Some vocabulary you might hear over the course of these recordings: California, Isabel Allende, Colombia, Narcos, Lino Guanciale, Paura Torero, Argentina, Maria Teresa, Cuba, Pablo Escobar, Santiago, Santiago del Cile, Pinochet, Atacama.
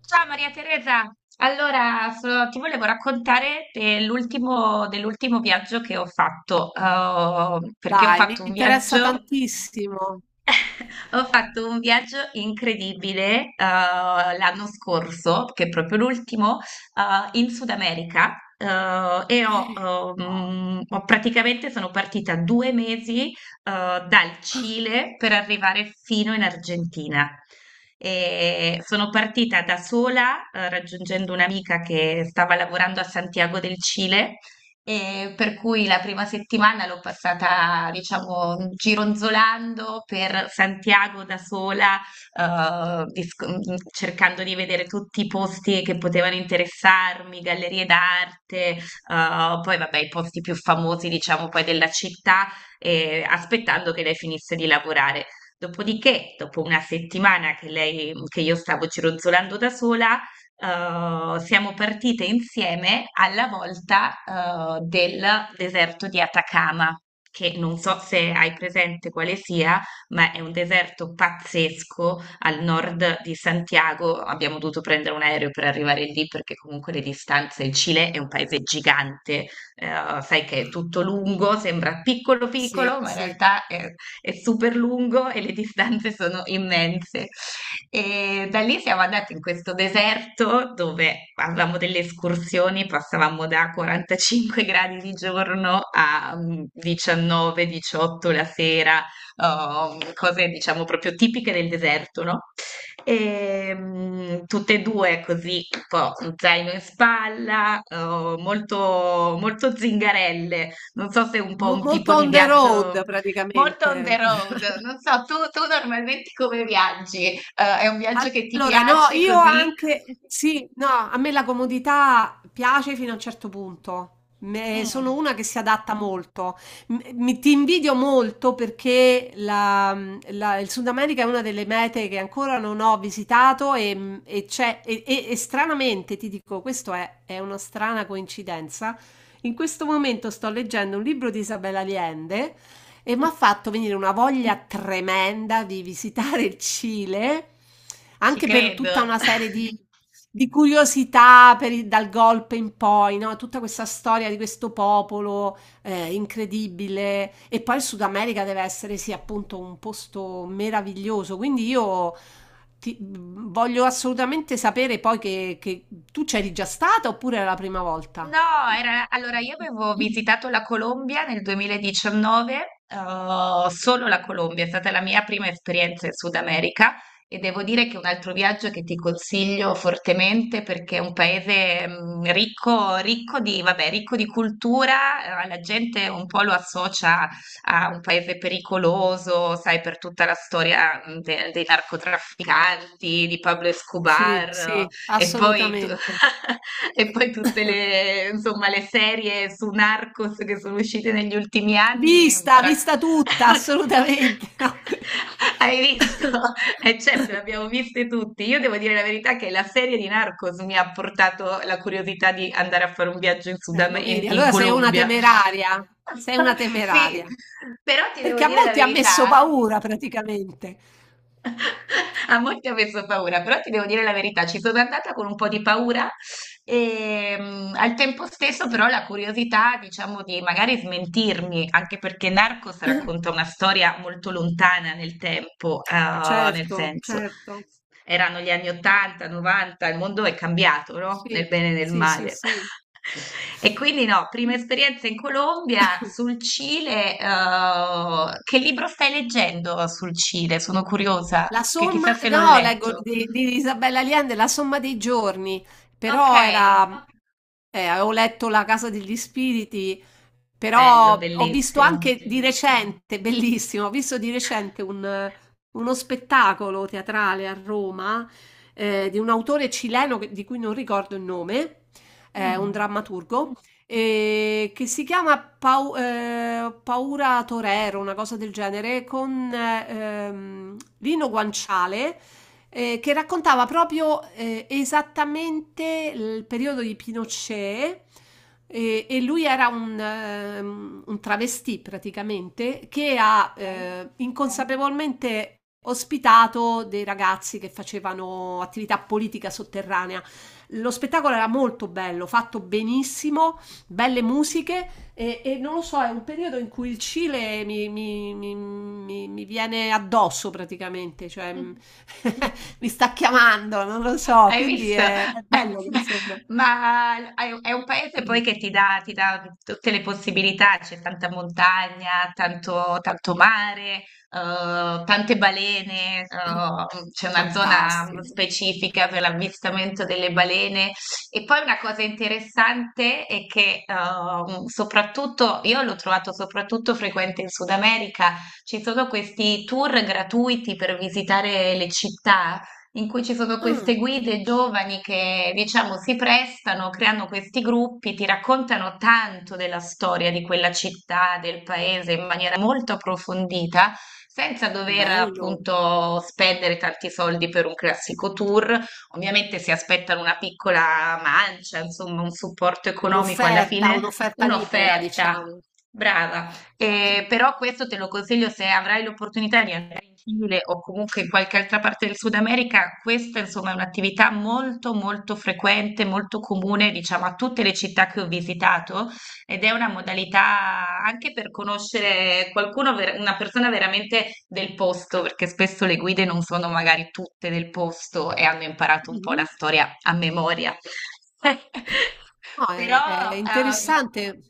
Ciao Maria Teresa, allora ti volevo raccontare dell'ultimo viaggio che ho fatto, perché ho Dai, mi fatto un interessa viaggio. tantissimo. Ho fatto un viaggio incredibile, l'anno scorso, che è proprio l'ultimo, in Sud America, e ho, ho praticamente sono partita 2 mesi, dal Cile per arrivare fino in Argentina. E sono partita da sola, raggiungendo un'amica che stava lavorando a Santiago del Cile e per cui la prima settimana l'ho passata, diciamo, gironzolando per Santiago da sola, cercando di vedere tutti i posti che potevano interessarmi, gallerie d'arte, poi vabbè, i posti più famosi, diciamo, poi della città, aspettando che lei finisse di lavorare. Dopodiché, dopo una settimana che io stavo gironzolando da sola, siamo partite insieme alla volta, del deserto di Atacama, che non so se hai presente quale sia, ma è un deserto pazzesco al nord di Santiago. Abbiamo dovuto prendere un aereo per arrivare lì perché comunque le distanze, il Cile è un paese gigante, sai che è tutto lungo, sembra piccolo Sì, piccolo, ma in sì. realtà è super lungo e le distanze sono immense. E da lì siamo andati in questo deserto dove avevamo delle escursioni, passavamo da 45 gradi di giorno a 19-18 la sera, oh, cose diciamo proprio tipiche del deserto, no? E, tutte e due così, un po' un zaino in spalla, oh, molto, molto zingarelle. Non so se è un po' Mo un tipo molto di on the road viaggio. Molto on the praticamente. road. Non so, tu normalmente come viaggi? È un viaggio che ti Allora, no, piace io così? anche, sì, no, a me la comodità piace fino a un certo punto. Sono Mm, una che si adatta molto. Ti invidio molto perché il Sud America è una delle mete che ancora non ho visitato e stranamente, ti dico, è una strana coincidenza. In questo momento sto leggendo un libro di Isabella Allende e mi ha fatto venire una voglia tremenda di visitare il Cile, ci anche per credo. tutta di curiosità per dal golpe in poi, no? Tutta questa storia di questo popolo incredibile. E poi il Sud America deve essere, sì, appunto un posto meraviglioso. Quindi io voglio assolutamente sapere poi che tu c'eri già stata oppure era la prima volta? No, allora io avevo visitato la Colombia nel 2019, solo la Colombia, è stata la mia prima esperienza in Sud America e devo dire che è un altro viaggio che ti consiglio fortemente perché è un paese ricco, vabbè, ricco di cultura, la gente un po' lo associa a un paese pericoloso, sai, per tutta la storia dei narcotrafficanti, di Pablo Sì, Escobar. sì, E poi, assolutamente. e poi tutte le, insomma, le serie su Narcos che sono uscite negli ultimi anni. Vista, vista tutta, assolutamente. No. Hai visto? E certo, le abbiamo viste tutti. Io devo dire la verità che la serie di Narcos mi ha portato la curiosità di andare a fare un viaggio in Sud Am- lo in vedi, in allora Colombia. Sei una Sì, temeraria, però ti devo perché a dire la molti ha messo verità. paura praticamente. A molti ho messo paura, però ti devo dire la verità, ci sono andata con un po' di paura e al tempo stesso però la curiosità, diciamo, di magari smentirmi, anche perché Narcos racconta una storia molto lontana nel tempo, nel Certo, senso certo, erano gli anni 80, 90, il mondo è cambiato, no? Nel sì, bene e nel sì, sì, male. sì. E quindi no, prima esperienza in Colombia, sul Cile, che libro stai leggendo sul Cile? Sono curiosa, La che somma, chissà se l'ho no, leggo letto. Di Isabella Allende, La somma dei giorni, Ok, però era, avevo letto La casa degli spiriti, bello, però ho visto bellissimo. anche di recente, bellissimo, ho visto di recente uno spettacolo teatrale a Roma, di un autore cileno di cui non ricordo il nome, un Mm, drammaturgo, che si chiama Paura Torero, una cosa del genere, con Lino Guanciale, che raccontava proprio esattamente il periodo di Pinochet. E lui era un travestì praticamente che ha ok. Inconsapevolmente ospitato dei ragazzi che facevano attività politica sotterranea. Lo spettacolo era molto bello, fatto benissimo, belle musiche e non lo so, è un periodo in cui il Cile mi viene addosso praticamente, cioè mi sta chiamando, non lo so, Hai quindi visto? È bello che insomma. Ma è un paese poi che ti dà tutte le possibilità, c'è tanta montagna, tanto, tanto mare, tante balene, c'è una zona Fantastico. specifica per l'avvistamento delle balene. E poi una cosa interessante è che soprattutto, io l'ho trovato soprattutto frequente in Sud America, ci sono questi tour gratuiti per visitare le città in cui ci sono queste Ah, guide giovani che, diciamo, si prestano, creano questi gruppi, ti raccontano tanto della storia di quella città, del paese in maniera molto approfondita, senza dover bello. appunto spendere tanti soldi per un classico tour. Ovviamente si aspettano una piccola mancia, insomma, un supporto economico alla Un'offerta, fine, un'offerta libera, un'offerta. diciamo. Brava. Però questo te lo consiglio se avrai l'opportunità di Cile o comunque in qualche altra parte del Sud America, questa insomma è un'attività molto molto frequente, molto comune, diciamo, a tutte le città che ho visitato ed è una modalità anche per conoscere qualcuno, una persona veramente del posto, perché spesso le guide non sono magari tutte del posto e hanno imparato un po' la Mhm. storia a memoria. No, Però, è ehm, interessante.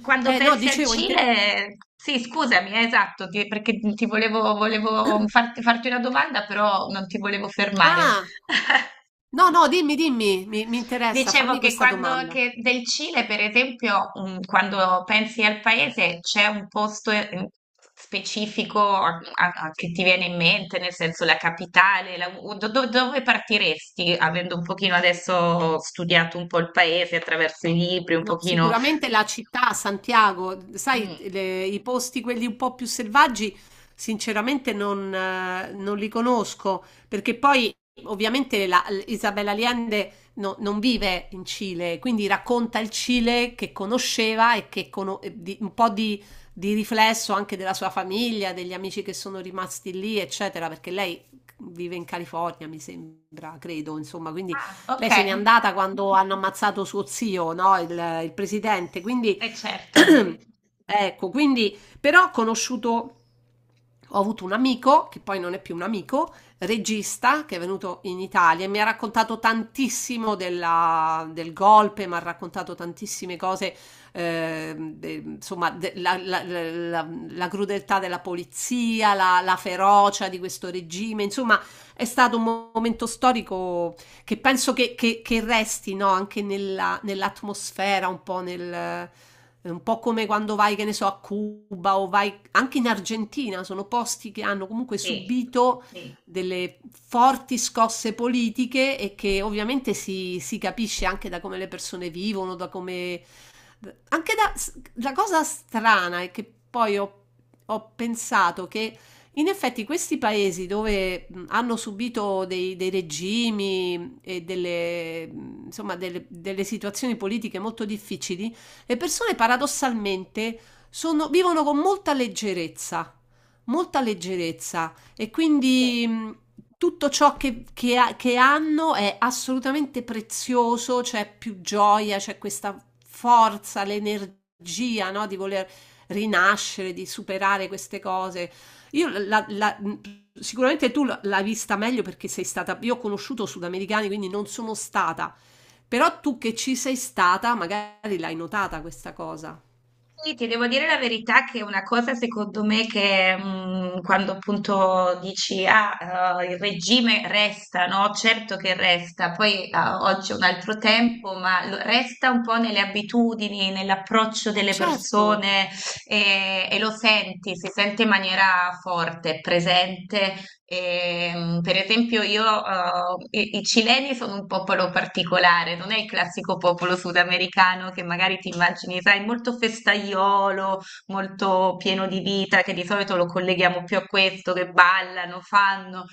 quando Eh no, pensi al dicevo, inter- Cile, sì, scusami, esatto, perché ti volevo farti una domanda, però non ti volevo fermare. Ah! No, no, dimmi, dimmi, mi interessa, Dicevo fammi che questa quando domanda. che del Cile, per esempio, quando pensi al paese, c'è un posto specifico che ti viene in mente, nel senso la capitale, o dove partiresti, avendo un pochino adesso studiato un po' il paese attraverso i libri, un No, pochino. sicuramente la città, Santiago, sai, Mm. I posti quelli un po' più selvaggi, sinceramente non li conosco, perché poi ovviamente Isabel Allende non vive in Cile, quindi racconta il Cile che conosceva e che un po' di riflesso anche della sua famiglia, degli amici che sono rimasti lì, eccetera, perché lei vive in California, mi sembra, credo, insomma, quindi Ah, ok, lei se n'è andata quando hanno ammazzato suo zio, no? Il presidente. Quindi, è certo. ecco, quindi, però ho conosciuto, ho avuto un amico, che poi non è più un amico, regista, che è venuto in Italia e mi ha raccontato tantissimo del golpe, mi ha raccontato tantissime cose, la crudeltà della polizia, la ferocia di questo regime, insomma... È stato un momento storico che penso che resti, no, anche nell'atmosfera, un po' nel, un po' come quando vai, che ne so, a Cuba o vai anche in Argentina, sono posti che hanno comunque Sì. subito delle forti scosse politiche e che ovviamente si, si capisce anche da come le persone vivono, da come, anche da, la cosa strana è che poi ho, ho pensato che in effetti questi paesi dove hanno subito dei regimi e delle, delle situazioni politiche molto difficili, le persone paradossalmente vivono con molta leggerezza, molta leggerezza. E quindi tutto ciò che hanno è assolutamente prezioso, c'è più gioia, c'è questa forza, l'energia, no, di voler rinascere, di superare queste cose. Io la- la- mm, sicuramente tu l'hai vista meglio perché sei stata, io ho conosciuto sudamericani, quindi non sono stata, però tu che ci sei stata, magari l'hai notata questa cosa. Sì, ti devo dire la verità che una cosa secondo me che quando appunto dici ah, il regime resta, no? Certo che resta, poi ah, oggi è un altro tempo, ma resta un po' nelle abitudini, nell'approccio Ah, delle certo. persone e lo senti, si sente in maniera forte, presente. Per esempio, i cileni sono un popolo particolare, non è il classico popolo sudamericano che magari ti immagini, sai, molto festaiolo, molto pieno di vita, che di solito lo colleghiamo più a questo, che ballano, fanno.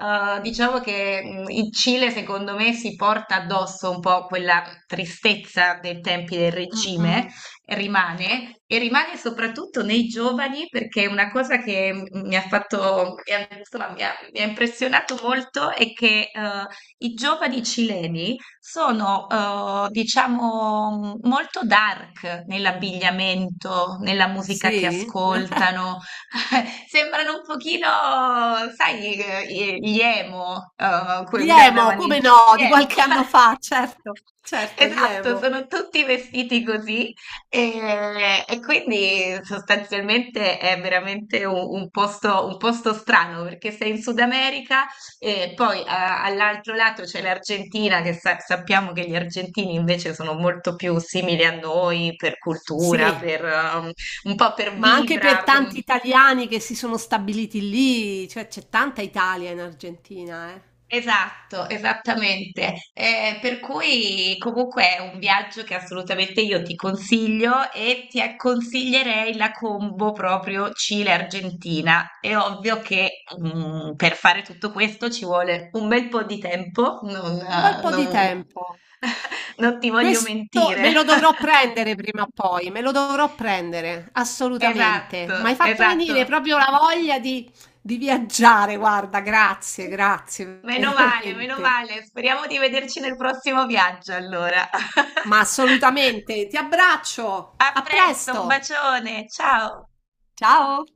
Diciamo che il Cile, secondo me, si porta addosso un po' quella tristezza dei tempi del Mm, regime, mm. rimane e rimane soprattutto nei giovani perché una cosa che m- mi ha fatto, mi ha- insomma, mi ha impressionato molto è che i giovani cileni sono, diciamo, molto dark nell'abbigliamento, nella musica che Sì? ascoltano. Sembrano un pochino, sai, gli emo, Gli quelli che emo, andavano in come no, gli di emo. qualche anno fa, certo, certo, gli Esatto, emo. sono tutti vestiti così e quindi sostanzialmente è veramente un posto strano perché sei in Sud America e poi all'altro lato c'è l'Argentina che sappiamo che gli argentini invece sono molto più simili a noi per cultura, Sì, per, un po' per ma anche per vibra. tanti italiani che si sono stabiliti lì, cioè c'è tanta Italia in Argentina, eh. Esatto, esattamente. Per cui comunque è un viaggio che assolutamente io ti consiglio e ti consiglierei la combo proprio Cile-Argentina. È ovvio che per fare tutto questo ci vuole un bel po' di tempo, Un bel po' di tempo. non ti voglio Questo me mentire. lo dovrò prendere prima o poi, me lo dovrò prendere, assolutamente. Mi hai Esatto, fatto venire esatto. proprio la voglia di viaggiare, guarda, grazie, grazie, Meno male, meno veramente. male. Speriamo di vederci nel prossimo viaggio allora. Ma assolutamente, ti abbraccio, A a presto, un presto. bacione, ciao! Ciao!